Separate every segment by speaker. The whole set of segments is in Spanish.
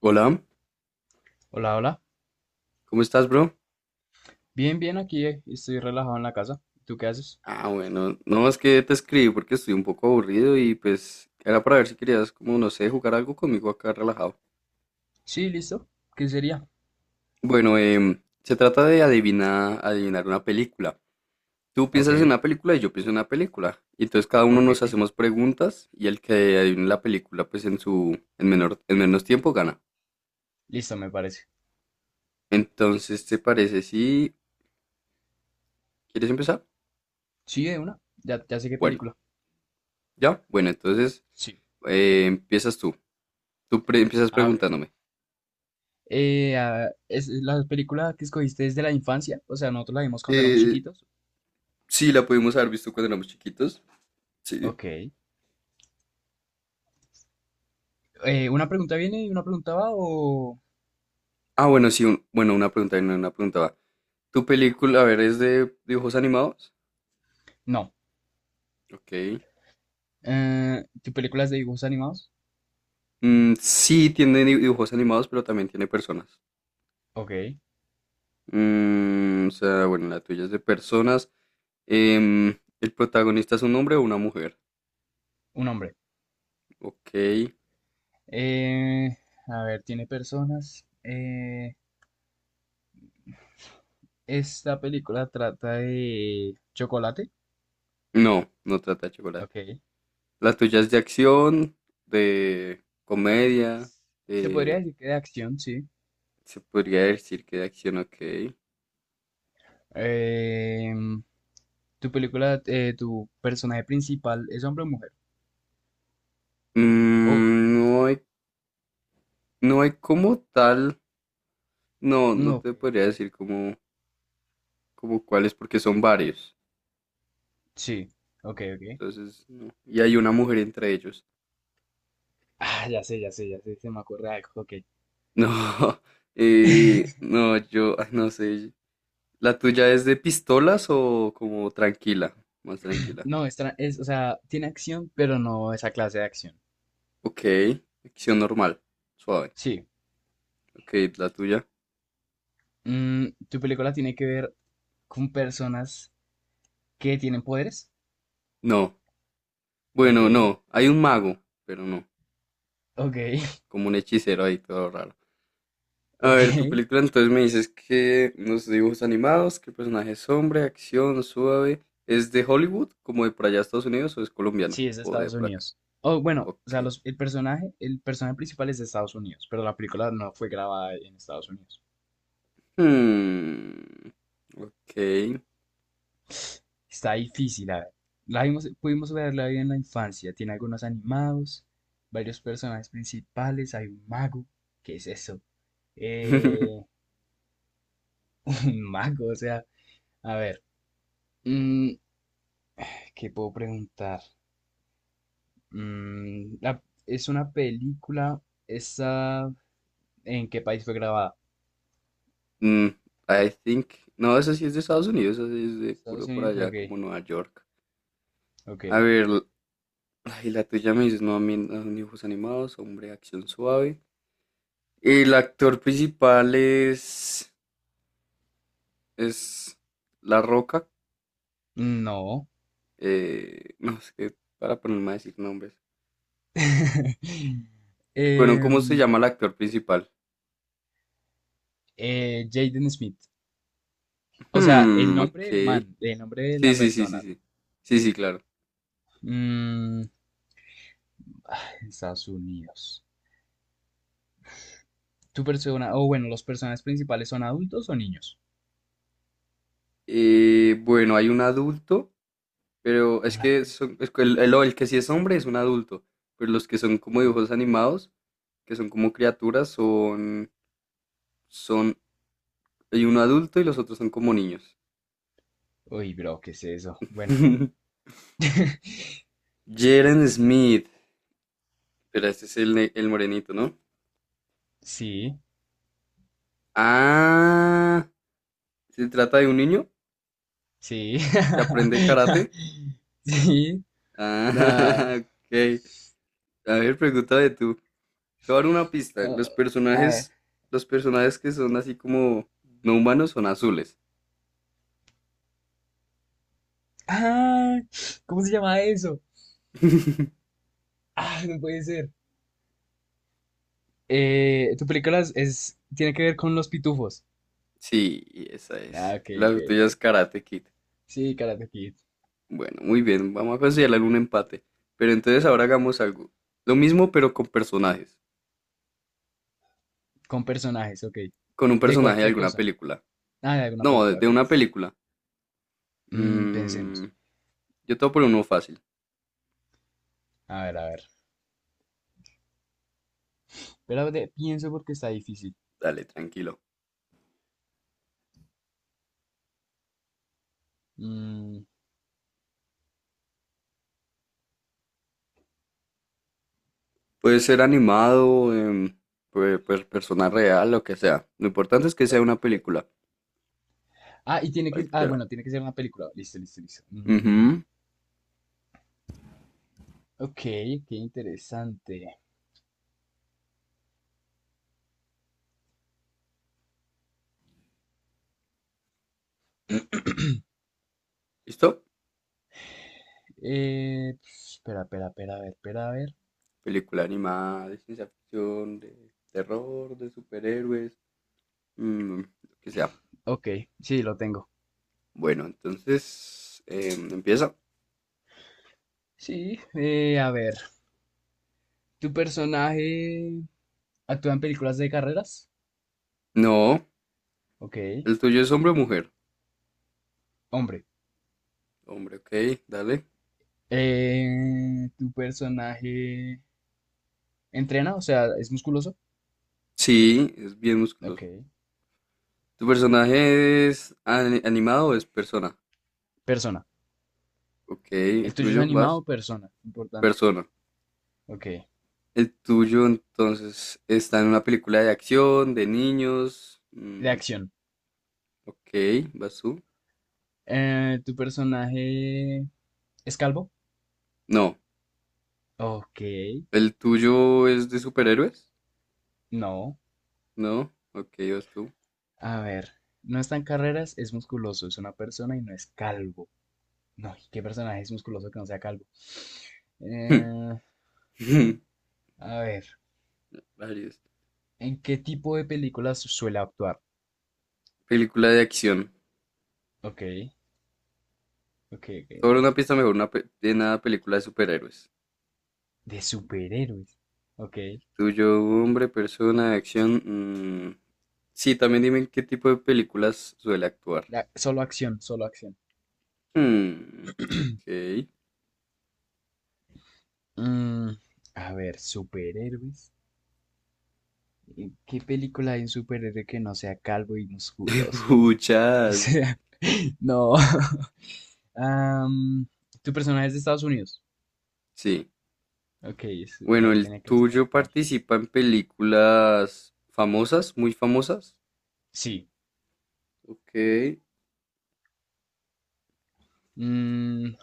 Speaker 1: Hola,
Speaker 2: Hola, hola.
Speaker 1: ¿cómo estás, bro?
Speaker 2: Bien, bien, aquí estoy relajado en la casa. ¿Tú qué haces?
Speaker 1: Ah, bueno, no, es que te escribí porque estoy un poco aburrido y pues era para ver si querías, como no sé, jugar algo conmigo acá relajado.
Speaker 2: Sí, listo. ¿Qué sería?
Speaker 1: Bueno, se trata de adivinar una película. Tú
Speaker 2: Ok,
Speaker 1: piensas en una película y yo pienso en una película. Y entonces cada uno nos
Speaker 2: ok.
Speaker 1: hacemos preguntas y el que adivine la película, pues en su, en menor, en menos tiempo gana.
Speaker 2: Listo, me parece.
Speaker 1: Entonces, ¿te parece si quieres empezar?
Speaker 2: Sí, de una. Ya, ya sé qué
Speaker 1: Bueno,
Speaker 2: película.
Speaker 1: ya, bueno, entonces
Speaker 2: Sí.
Speaker 1: empiezas tú. Empiezas
Speaker 2: A ver.
Speaker 1: preguntándome.
Speaker 2: ¿Es la película que escogiste desde la infancia? O sea, nosotros la vimos cuando éramos
Speaker 1: Eh,
Speaker 2: chiquitos.
Speaker 1: Sí, la pudimos haber visto cuando éramos chiquitos. Sí.
Speaker 2: Ok. ¿Una pregunta viene y una pregunta va o...?
Speaker 1: Ah, bueno, sí, bueno, una pregunta, no, una pregunta va. ¿Tu película, a ver, es de dibujos animados?
Speaker 2: No.
Speaker 1: Ok.
Speaker 2: ¿Tu película es de dibujos animados?
Speaker 1: Mm, sí, dibujos animados, pero también tiene personas.
Speaker 2: Ok.
Speaker 1: Mm, o sea, bueno, la tuya es de personas. ¿El protagonista es un hombre o una mujer?
Speaker 2: Un hombre.
Speaker 1: Ok.
Speaker 2: Eh, a ver, ¿tiene personas? Esta película trata de chocolate.
Speaker 1: No, no trata de chocolate.
Speaker 2: Ok.
Speaker 1: La tuya es de acción, de comedia,
Speaker 2: Se podría
Speaker 1: de...
Speaker 2: decir que de acción, sí.
Speaker 1: Se podría decir que de acción, ok.
Speaker 2: Em, tu película, tu personaje principal, ¿es hombre o mujer? ¿O es un
Speaker 1: Mm,
Speaker 2: dibujo
Speaker 1: no
Speaker 2: animado?
Speaker 1: hay No hay como tal, no,
Speaker 2: Mm,
Speaker 1: no
Speaker 2: ok.
Speaker 1: te podría decir como, como cuáles, porque son varios.
Speaker 2: Sí. Ok, ok.
Speaker 1: Entonces, no. Y hay una mujer entre ellos.
Speaker 2: Ah, ya sé, ya sé, ya sé. Se me ocurre algo. Ok.
Speaker 1: No, no, yo, ay, no sé. ¿La tuya es de pistolas o como tranquila? Más tranquila.
Speaker 2: No, es, o sea, tiene acción, pero no esa clase de acción.
Speaker 1: Ok, acción normal, suave.
Speaker 2: Sí.
Speaker 1: Ok, ¿la tuya?
Speaker 2: Mm, tu película tiene que ver con personas que tienen poderes.
Speaker 1: No. Bueno,
Speaker 2: Ok.
Speaker 1: no, hay un mago, pero no,
Speaker 2: Ok.
Speaker 1: como un hechicero ahí, todo raro. A ver, tu
Speaker 2: Ok.
Speaker 1: película entonces me dices que los dibujos animados, que el personaje es hombre, acción, suave, ¿es de Hollywood, como de por allá Estados Unidos, o es colombiana,
Speaker 2: Sí, es de
Speaker 1: o de
Speaker 2: Estados
Speaker 1: por acá?
Speaker 2: Unidos. Oh, bueno,
Speaker 1: Ok.
Speaker 2: o sea, el personaje principal es de Estados Unidos, pero la película no fue grabada en Estados Unidos.
Speaker 1: Hmm, ok.
Speaker 2: Está difícil, a ver. La vimos, pudimos verla en la infancia. Tiene algunos animados, varios personajes principales, hay un mago. ¿Qué es eso? Eh, un mago, o sea, a ver. mm, ¿Qué puedo preguntar? Mm, la- es una película, esa, ¿en qué país fue grabada?
Speaker 1: Mm, I think. No, esa sí es de Estados Unidos, esa sí es de
Speaker 2: Estados
Speaker 1: puro por
Speaker 2: Unidos,
Speaker 1: allá,
Speaker 2: ok,
Speaker 1: como Nueva York.
Speaker 2: ok.
Speaker 1: A ver, l- ay, la tuya me dices, no, a mí no, dibujos animados, hombre, acción suave. El actor principal es La Roca.
Speaker 2: No.
Speaker 1: No, es que para ponerme a decir nombres. Bueno, ¿cómo se
Speaker 2: Em,
Speaker 1: llama el actor principal?
Speaker 2: Jaden Smith. O sea, el
Speaker 1: Hmm,
Speaker 2: nombre del
Speaker 1: ok.
Speaker 2: man, el nombre de la
Speaker 1: Sí, sí, sí, sí,
Speaker 2: persona, ¿no?
Speaker 1: sí. Sí, sí, claro.
Speaker 2: Mm, ah, en Estados Unidos. Tu persona, o bueno, los personajes principales son adultos o niños.
Speaker 1: Bueno, hay un adulto, pero es
Speaker 2: Un
Speaker 1: que
Speaker 2: adulto,
Speaker 1: es que el que sí es hombre es un adulto, pero los que son como
Speaker 2: ok.
Speaker 1: dibujos animados, que son como criaturas, son, hay un adulto y los otros son como niños.
Speaker 2: Uy, bro, ¿qué es eso? Bueno,
Speaker 1: Jaren Smith, pero este es el morenito, ¿no?
Speaker 2: sí,
Speaker 1: Ah, se trata de un niño
Speaker 2: sí.
Speaker 1: que aprende karate.
Speaker 2: Sí,
Speaker 1: Ah,
Speaker 2: nada.
Speaker 1: ok. A ver, pregunta de tú. Te voy a dar una pista.
Speaker 2: No, a ver.
Speaker 1: Los personajes que son así como no humanos son azules.
Speaker 2: Ah, ¿cómo se llama eso? Ah, no puede ser. Tu película tiene que ver con los pitufos.
Speaker 1: Sí, y esa es.
Speaker 2: Ah, ok,
Speaker 1: La
Speaker 2: ok,
Speaker 1: tuya es
Speaker 2: ok.
Speaker 1: Karate Kid.
Speaker 2: Sí, Karate Kid.
Speaker 1: Bueno, muy bien. Vamos a considerar un empate. Pero entonces ahora hagamos algo. Lo mismo, pero con personajes.
Speaker 2: Con personajes, ok.
Speaker 1: Con un
Speaker 2: De
Speaker 1: personaje de
Speaker 2: cualquier
Speaker 1: alguna
Speaker 2: cosa.
Speaker 1: película.
Speaker 2: Ah, de alguna
Speaker 1: No,
Speaker 2: película,
Speaker 1: de
Speaker 2: ok.
Speaker 1: una película.
Speaker 2: Mm,
Speaker 1: Mm,
Speaker 2: pensemos.
Speaker 1: yo te voy a poner uno fácil.
Speaker 2: A ver, a ver. Pienso porque está difícil.
Speaker 1: Dale, tranquilo.
Speaker 2: Mm,
Speaker 1: Puede ser animado, puede ser persona real, lo que sea. Lo importante es que sea una
Speaker 2: ok.
Speaker 1: película,
Speaker 2: Ah, y tiene que... Ah,
Speaker 1: cualquiera.
Speaker 2: bueno, tiene que ser una película. Listo, listo, listo. Mm,
Speaker 1: Ujú.
Speaker 2: ok, qué interesante.
Speaker 1: ¿Listo?
Speaker 2: Eh, espera, espera, espera, a ver, espera, a ver.
Speaker 1: Película animada, de ciencia ficción, de terror, de superhéroes, mm, lo que sea.
Speaker 2: Ok, sí, lo tengo.
Speaker 1: Bueno, entonces, empieza.
Speaker 2: Sí, a ver. Tu personaje... ¿Actúa en películas de carreras?
Speaker 1: No,
Speaker 2: Ok.
Speaker 1: el tuyo es hombre o mujer.
Speaker 2: Hombre.
Speaker 1: Hombre, ok, dale.
Speaker 2: ¿Tu personaje entrena? O sea, ¿es musculoso?
Speaker 1: Sí, es bien
Speaker 2: Ok.
Speaker 1: musculoso. ¿Tu personaje es animado o es persona?
Speaker 2: Persona.
Speaker 1: Ok,
Speaker 2: ¿El
Speaker 1: ¿el
Speaker 2: tuyo es
Speaker 1: tuyo?
Speaker 2: animado
Speaker 1: ¿Vas?
Speaker 2: o persona? Importante.
Speaker 1: Persona.
Speaker 2: Ok.
Speaker 1: El tuyo entonces está en una película de acción, de niños.
Speaker 2: De
Speaker 1: Mm,
Speaker 2: acción.
Speaker 1: ok, vas tú.
Speaker 2: ¿Tu personaje es calvo?
Speaker 1: No,
Speaker 2: Ok.
Speaker 1: el tuyo es de superhéroes.
Speaker 2: No.
Speaker 1: No, ok, vas tú.
Speaker 2: A ver. No está en carreras, es musculoso, es una persona y no es calvo. No, ¿qué personaje es musculoso que no sea calvo? Eh, a ver.
Speaker 1: Varios.
Speaker 2: ¿En qué tipo de películas suele actuar?
Speaker 1: Película de acción.
Speaker 2: Ok. Ok, ok,
Speaker 1: Sobre
Speaker 2: ok.
Speaker 1: una pista mejor, de una película de superhéroes.
Speaker 2: De superhéroes. Ok.
Speaker 1: Tuyo, hombre, persona, de acción. Mm, sí, también dime en qué tipo de películas suele actuar.
Speaker 2: Solo acción, solo acción.
Speaker 1: Hmm, ok.
Speaker 2: Mm, a ver, superhéroes. ¿Qué película hay un superhéroe que no sea calvo y musculoso? O
Speaker 1: Muchas.
Speaker 2: sea, no. Am, ¿tu personaje es de Estados Unidos?
Speaker 1: Sí.
Speaker 2: Ok,
Speaker 1: Bueno,
Speaker 2: ahí
Speaker 1: ¿el
Speaker 2: tenía que
Speaker 1: tuyo
Speaker 2: descartar.
Speaker 1: participa en películas famosas, muy famosas?
Speaker 2: Sí.
Speaker 1: Ok.
Speaker 2: Mm,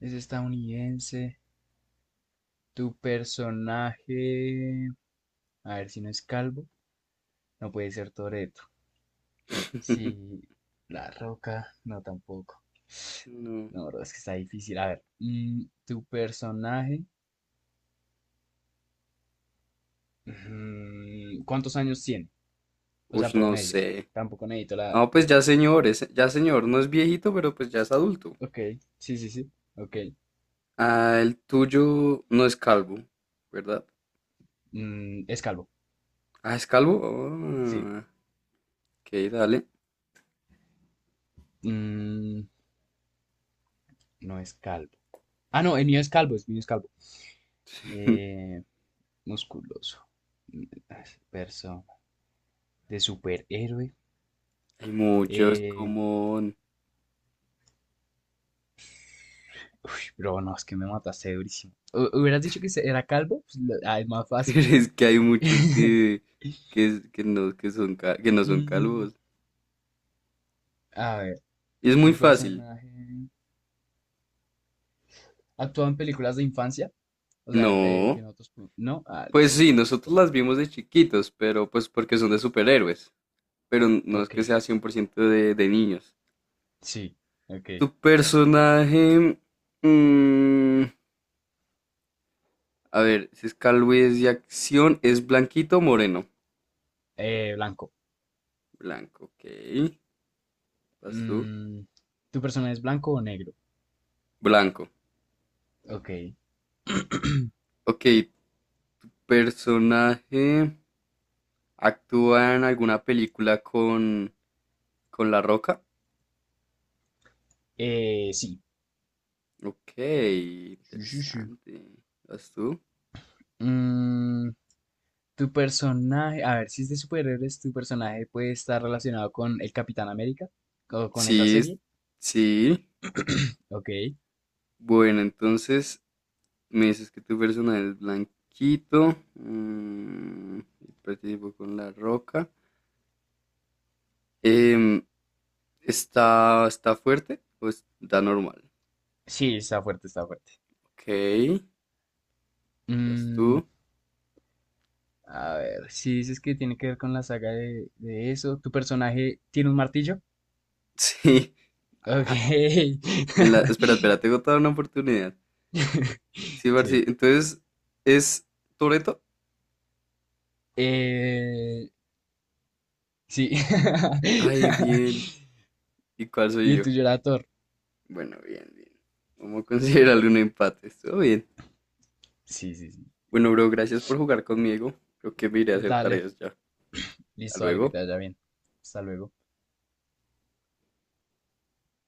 Speaker 2: es estadounidense. Tu personaje... A ver si no es calvo. No puede ser Toretto. Sí, La Roca, no tampoco.
Speaker 1: No.
Speaker 2: No, bro, es que está difícil. A ver, mm, tu personaje, mm, ¿cuántos años tiene? O
Speaker 1: Uy,
Speaker 2: sea,
Speaker 1: no
Speaker 2: promedio.
Speaker 1: sé.
Speaker 2: Tampoco necesito la... edad.
Speaker 1: No, pues ya señor, ya señor, no es viejito, pero pues ya es adulto.
Speaker 2: Ok, sí, sí, sí. Ok.
Speaker 1: Ah, el tuyo no es calvo, ¿verdad?
Speaker 2: Mm, es calvo.
Speaker 1: Ah, ¿es calvo?
Speaker 2: Sí.
Speaker 1: Ah, ok, dale.
Speaker 2: Mm, no es calvo. Ah, no, el mío es calvo, el mío es calvo. Eh, musculoso. Mm, persona. De superhéroe.
Speaker 1: Hay muchos
Speaker 2: Eh,
Speaker 1: como...
Speaker 2: Pero no, es que me mataste durísimo. Hubieras dicho que era calvo, ah, es más
Speaker 1: Pero
Speaker 2: fácil.
Speaker 1: es que hay muchos que no, que no son
Speaker 2: Mm,
Speaker 1: calvos.
Speaker 2: a ver,
Speaker 1: Y es muy
Speaker 2: ¿tu
Speaker 1: fácil.
Speaker 2: personaje actúa en películas de infancia? O sea, de
Speaker 1: No.
Speaker 2: que nosotros... No, ah,
Speaker 1: Pues
Speaker 2: listo.
Speaker 1: sí, nosotros las vimos de chiquitos, pero pues porque son de superhéroes, pero no es
Speaker 2: Ok,
Speaker 1: que sea 100% de niños.
Speaker 2: sí, ok.
Speaker 1: Tu personaje, mm, a ver, si es calvez y acción, ¿es blanquito o moreno?
Speaker 2: Blanco.
Speaker 1: Blanco, ok. ¿Vas tú?
Speaker 2: Mm, ¿tu personaje es blanco o negro?
Speaker 1: Blanco.
Speaker 2: Ok.
Speaker 1: Ok, personaje, ¿actúa en alguna película con La Roca?
Speaker 2: Sí.
Speaker 1: Ok,
Speaker 2: Sí, sí, sí.
Speaker 1: interesante. ¿Vas tú?
Speaker 2: Mm, tu personaje, a ver, si es de superhéroes, tu personaje puede estar relacionado con el Capitán América o con esa
Speaker 1: Sí, es-
Speaker 2: serie.
Speaker 1: sí.
Speaker 2: Ok.
Speaker 1: Bueno, entonces me dices que tu personaje es blanquito. Mm, y participó con la roca. Em, ¿Está, está fuerte o está normal?
Speaker 2: Sí, está fuerte, está fuerte.
Speaker 1: Ok, estás tú.
Speaker 2: Mm, a ver, si dices que tiene que ver con la saga de eso, ¿tu personaje tiene un martillo?
Speaker 1: Sí.
Speaker 2: Ok.
Speaker 1: Ah, espera, espera, tengo toda una oportunidad. Sí,
Speaker 2: Sí.
Speaker 1: Barcy, entonces, ¿es Toreto?
Speaker 2: Eh, sí.
Speaker 1: Ay, bien. ¿Y cuál
Speaker 2: Y
Speaker 1: soy
Speaker 2: el
Speaker 1: yo?
Speaker 2: tuyo era Thor.
Speaker 1: Bueno, bien, bien. Vamos a considerarle un empate. Estuvo bien.
Speaker 2: Sí, sí, sí.
Speaker 1: Bueno, bro, gracias por jugar conmigo. Creo que me iré a hacer
Speaker 2: Dale.
Speaker 1: tareas ya. Hasta
Speaker 2: Listo, dale, que
Speaker 1: luego.
Speaker 2: te vaya bien. Hasta luego.